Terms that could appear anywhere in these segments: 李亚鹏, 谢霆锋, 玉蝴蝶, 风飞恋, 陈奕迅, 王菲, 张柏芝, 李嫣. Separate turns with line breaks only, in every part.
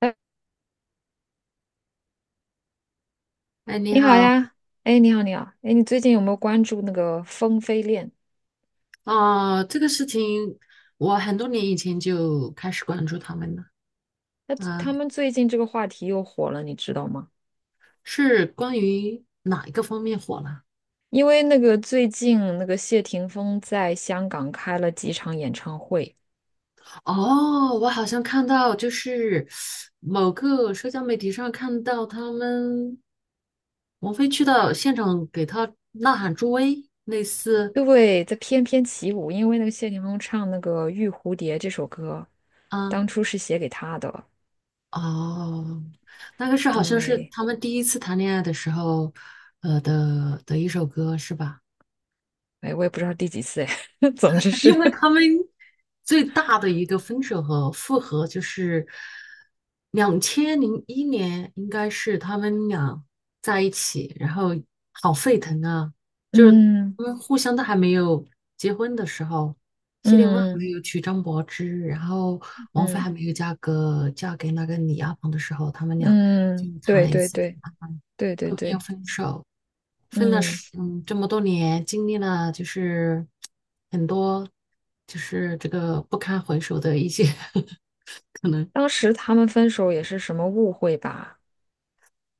哎，
哎，你
你好
好。
呀，哎，你好，你好，哎，你最近有没有关注那个风飞恋？
哦，这个事情我很多年以前就开始关注他们了。
那
啊、
他们最近这个话题又火了，你知道吗？
是关于哪一个方面火了？
因为那个最近那个谢霆锋在香港开了几场演唱会，
哦，我好像看到就是某个社交媒体上看到他们王菲去到现场给他呐喊助威，类似。
对，在翩翩起舞。因为那个谢霆锋唱那个《玉蝴蝶》这首歌，
啊，
当初是写给他的。
哦，那个是好像是
对，
他们第一次谈恋爱的时候，的一首歌是吧？
哎，我也不知道第几次，哎，总之 是，
因为他们最大的一个分手和复合就是2001年，应该是他们俩在一起，然后好沸腾啊！就是
嗯
他们互相都还没有结婚的时候，谢霆锋还
嗯
没有娶张柏芝，然后王菲
嗯
还没有嫁给那个李亚鹏的时候，他们俩就
嗯，
谈
对
了一
对
次恋
对
爱，
对对
后面又
对，
分手，分了
嗯。
十这么多年，经历了就是很多，就是这个不堪回首的一些 可能，
当时他们分手也是什么误会吧？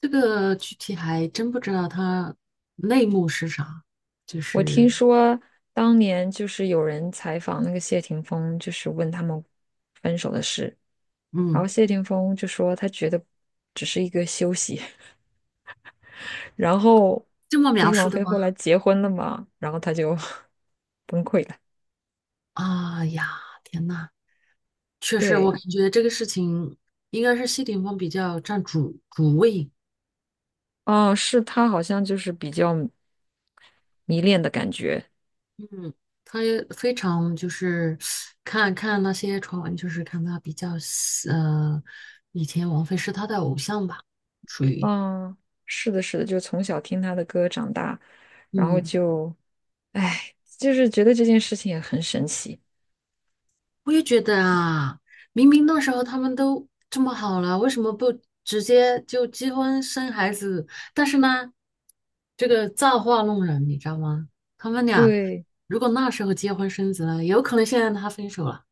这个具体还真不知道它内幕是啥，就
我听
是
说当年就是有人采访那个谢霆锋，就是问他们分手的事，然
嗯
后谢霆锋就说他觉得只是一个休息，然后
这么
不
描
是
述
王
的
菲
吗？
后来结婚了嘛，然后他就 崩溃了。
啊呀，天呐，确实我
对，
感觉这个事情应该是谢霆锋比较占主位。
哦，是他好像就是比较迷恋的感觉，
嗯，他也非常就是看看那些传闻，就是看他比较呃，以前王菲是他的偶像吧，属于。
嗯，是的，是的，就从小听他的歌长大，然后
嗯，
就，哎，就是觉得这件事情也很神奇。
我也觉得啊，明明那时候他们都这么好了，为什么不直接就结婚生孩子？但是呢，这个造化弄人，你知道吗？他们俩
对，
如果那时候结婚生子了，有可能现在他分手了。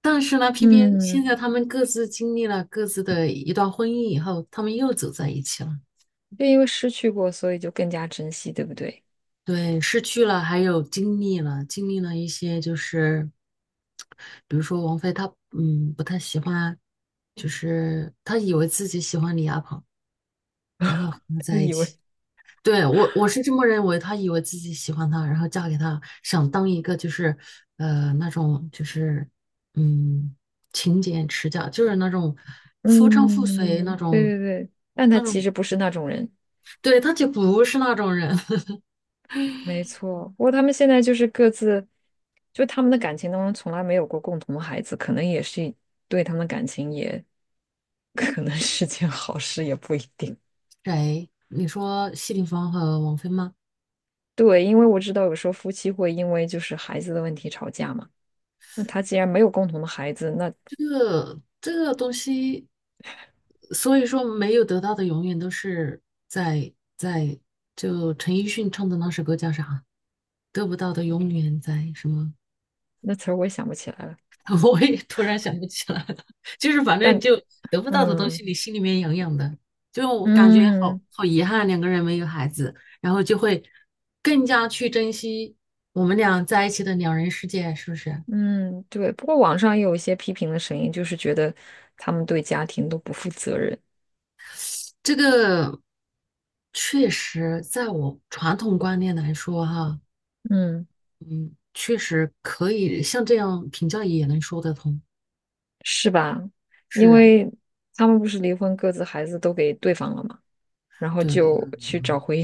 但是呢，偏偏现
嗯，
在他们各自经历了各自的一段婚姻以后，他们又走在一起了。
就因为失去过，所以就更加珍惜，对不对？
对，失去了，还有经历了，经历了一些，就是比如说王菲她，不太喜欢，就是她以为自己喜欢李亚鹏，然后和 他
他
在一
以
起。
为，
对，我是这么认为，她以为自己喜欢他，然后嫁给他，想当一个就是，那种就是，嗯，勤俭持家，就是那种夫唱妇随那
嗯，对
种，
对对，但他
那
其
种。
实不是那种人，
对，他就不是那种人。
没错。不过他们现在就是各自，就他们的感情当中从来没有过共同的孩子，可能也是对他们的感情也 可能是件好事，也不一定。
谁？你说谢霆锋和王菲吗？
对，因为我知道有时候夫妻会因为就是孩子的问题吵架嘛。那他既然没有共同的孩子，那
这个东西，所以说没有得到的永远都是在就陈奕迅唱的那首歌叫啥？得不到的永远在什么？
那词儿我也想不起来了。
我也突然想不起来了，就是反正
但
就得不到的东
嗯
西，你心里面痒痒的，就我感觉好
嗯
好遗憾，两个人没有孩子，然后就会更加去珍惜我们俩在一起的两人世界，是不是？
嗯，对。不过网上也有一些批评的声音，就是觉得他们对家庭都不负责任。
这个确实，在我传统观念来说，哈。
嗯，
嗯，确实可以像这样评价也能说得通。
是吧？因
是，
为他们不是离婚，各自孩子都给对方了嘛，然后
对。
就去找回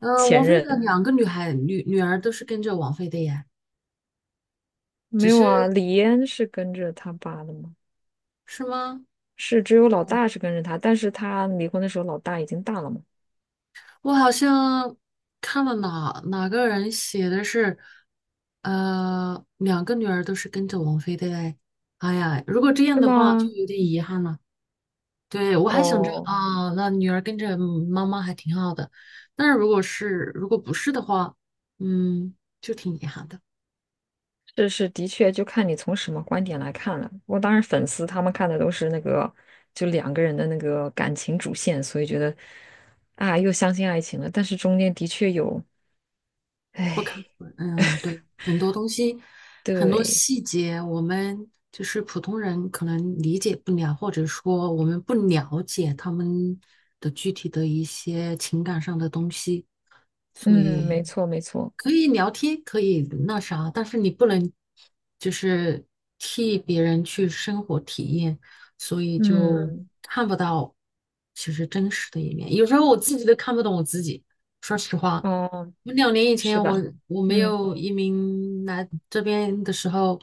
前
王菲的
任。
两个女孩女女儿都是跟着王菲的呀，只
没有啊，
是。
李嫣是跟着他爸的吗？
是吗？
是只有老
嗯，
大是跟着他，但是他离婚的时候老大已经大了嘛？
我好像看了哪个人写的是，两个女儿都是跟着王菲的嘞。哎呀，如果这样
是
的话，就
吗？
有点遗憾了。对，我还想着
哦，
啊，那女儿跟着妈妈还挺好的，但是如果不是的话，嗯，就挺遗憾的。
是是，的确，就看你从什么观点来看了。我当然粉丝他们看的都是那个，就两个人的那个感情主线，所以觉得啊，又相信爱情了。但是中间的确有，
不可。
哎，
嗯，对，很多东西，很多
对，
细节，我们就是普通人可能理解不了，或者说我们不了解他们的具体的一些情感上的东西，所
嗯，
以。
没错没错，
可以聊天，可以那啥，但是你不能就是替别人去生活体验，所以就
嗯，
看不到其实真实的一面。有时候我自己都看不懂我自己，说实话，
哦，
我2年以
是
前
吧？
我没
嗯，
有移民来这边的时候，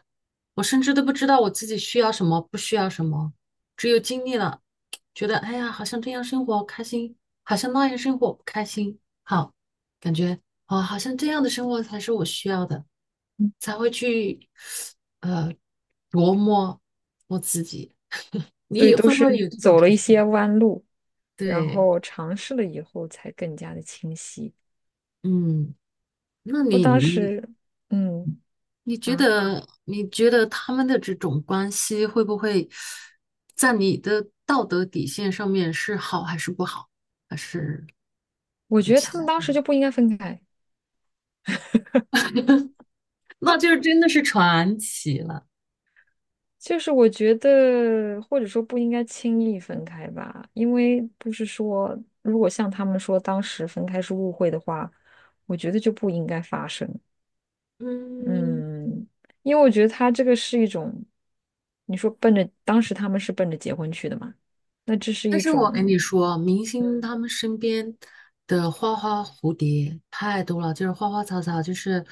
我甚至都不知道我自己需要什么，不需要什么，只有经历了，觉得哎呀，好像这样生活开心，好像那样生活不开心，好。感觉哦，好像这样的生活才是我需要的，才会去呃琢磨我自己。你
所以
也
都
会不会
是
有这种
走了一
情况？
些弯路，然
对，
后尝试了以后才更加的清晰。
嗯，那
我
你
当
你
时，嗯
你觉
啊，
得你觉得他们的这种关系会不会在你的道德底线上面是好还是不好，还是
我
有
觉得
其
他们
他？
当时就不应该分开，
那就真的是传奇了。
就是我觉得或者说不应该轻易分开吧，因为不是说如果像他们说当时分开是误会的话，我觉得就不应该发生。
嗯，
嗯，因为我觉得他这个是一种，你说奔着当时他们是奔着结婚去的嘛，那这是
但
一
是
种，
我跟你说，明星
嗯
他们身边的花花蝴蝶太多了，就是花花草草，就是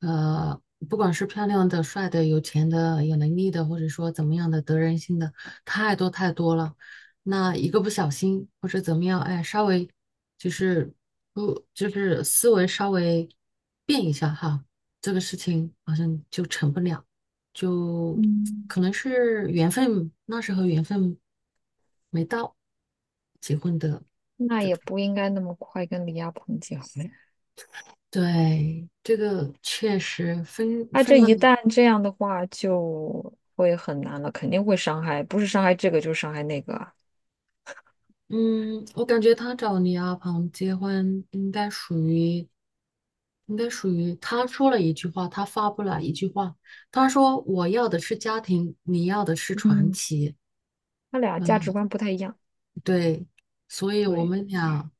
呃，不管是漂亮的、帅的、有钱的、有能力的，或者说怎么样的得人心的，太多太多了。那一个不小心或者怎么样，哎，稍微就是不就是思维稍微变一下哈，这个事情好像就成不了。就
嗯，
可能是缘分，那时候缘分没到结婚的。
那也不应该那么快跟李亚鹏结婚。
对，这个确实分
他
分
这
了。
一旦这样的话，就会很难了，肯定会伤害，不是伤害这个就是伤害那个啊。
嗯，我感觉他找李亚鹏结婚，应该属于他说了一句话，他发布了一句话，他说我要的是家庭，你要的是传
嗯，
奇。
他俩价值
嗯，
观不太一样。
对，所以我
对，
们俩。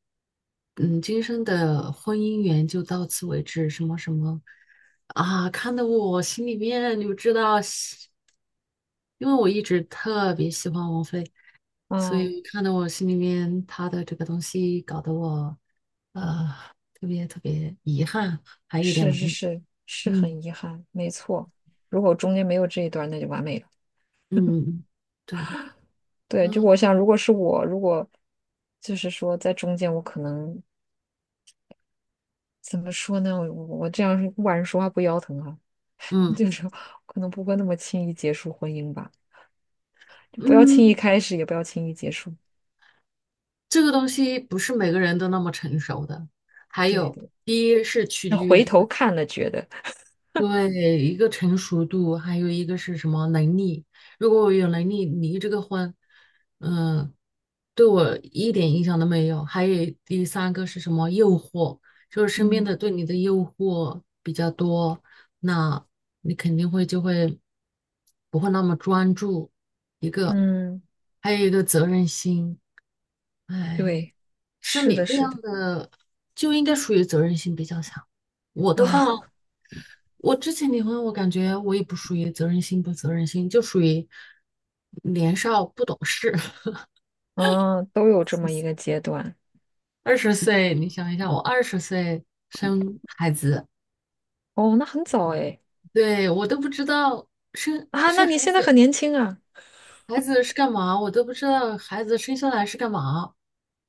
嗯，今生的婚姻缘就到此为止，什么什么啊，看得我心里面你就知道喜，因为我一直特别喜欢王菲，所
嗯，
以看得我心里面她的这个东西搞得我呃特别特别遗憾，还有点
是是
难。
是，是
嗯
很遗憾，没错。如果中间没有这一段，那就完美了。
嗯，对，
对，就
嗯
我想，如果是我，如果就是说在中间，我可能怎么说呢？我这样晚上说话不腰疼啊，
嗯
就是可能不会那么轻易结束婚姻吧，就不要轻易
嗯，
开始，也不要轻易结束。
这个东西不是每个人都那么成熟的。还
对
有，
对。
第一是取
那
决于
回
他
头
的。
看了，觉得，
对，一个成熟度，还有一个是什么能力。如果我有能力离这个婚，嗯，对我一点影响都没有。还有第三个是什么诱惑，就是身边
嗯
的对你的诱惑比较多，那你肯定会不会那么专注。一个，
嗯，
还有一个责任心。哎，
对，
像
是
你
的，
这
是的，
样的就应该属于责任心比较强。我的话。
啊，
我之前离婚，我感觉我也不属于责任心不责任心，就属于年少不懂事。
啊，都有这么一个 阶段。
二十岁，你想一下，我二十岁生孩子，
哦，那很早哎，
对，我都不知道生
啊，
生
那
孩
你现在很
子，
年轻啊。
孩子是干嘛，我都不知道孩子生下来是干嘛，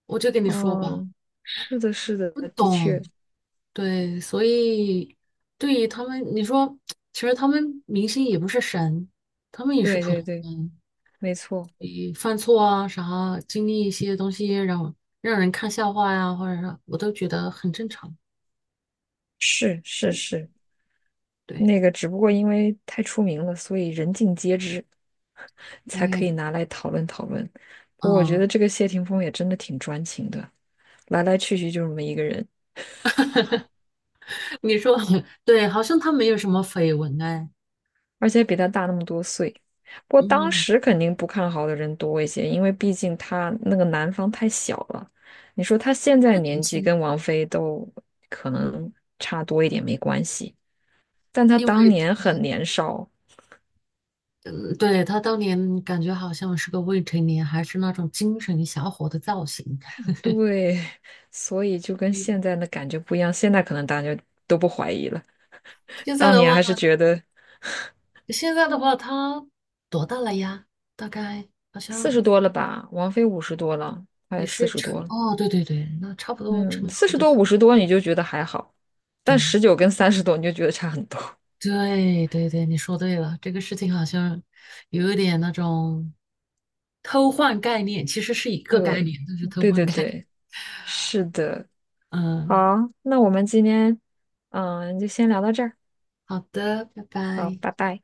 我就跟你说吧，
哦，是的，是的，
不
的
懂。
确，
对，所以对于他们，你说，其实他们明星也不是神，他们也是
对
普
对
通
对，
人，
没错，
你犯错啊啥，经历一些东西让人看笑话呀，或者是我都觉得很正常。
是是是，
对，
那个只不过因为太出名了，所以人尽皆知，才可
哎，
以拿来讨论讨论。不过我觉
嗯，
得这个谢霆锋也真的挺专情的，来来去去就这么一个人。
你说 对，好像他没有什么绯闻哎。
而且比他大那么多岁。不过当
嗯，
时肯定不看好的人多一些，因为毕竟他那个男方太小了。你说他现在
他年
年纪
轻，
跟王菲都可能差多一点没关系，但他
因
当
为
年很年少，
嗯，对，他当年感觉好像是个未成年，还是那种精神小伙的造型。
对，所以就跟
嗯，
现在的感觉不一样。现在可能大家都不怀疑了，
现在
当
的话，
年还是觉得
现在的话，他多大了呀？大概好
四十
像
多了吧，王菲五十多了，
也
快四
是
十
成，
多了，
哦，对对对，那差不多
嗯，
成
四
熟
十
的
多
时候。
五十多你就觉得还好，
对，
但19跟30多你就觉得差很多。
对对对，你说对了，这个事情好像有一点那种偷换概念，其实是一个概
对，
念，就是偷
对
换
对
概念。
对，是的。
嗯，
好，那我们今天嗯就先聊到这儿。
好的，拜
好，
拜。
拜拜。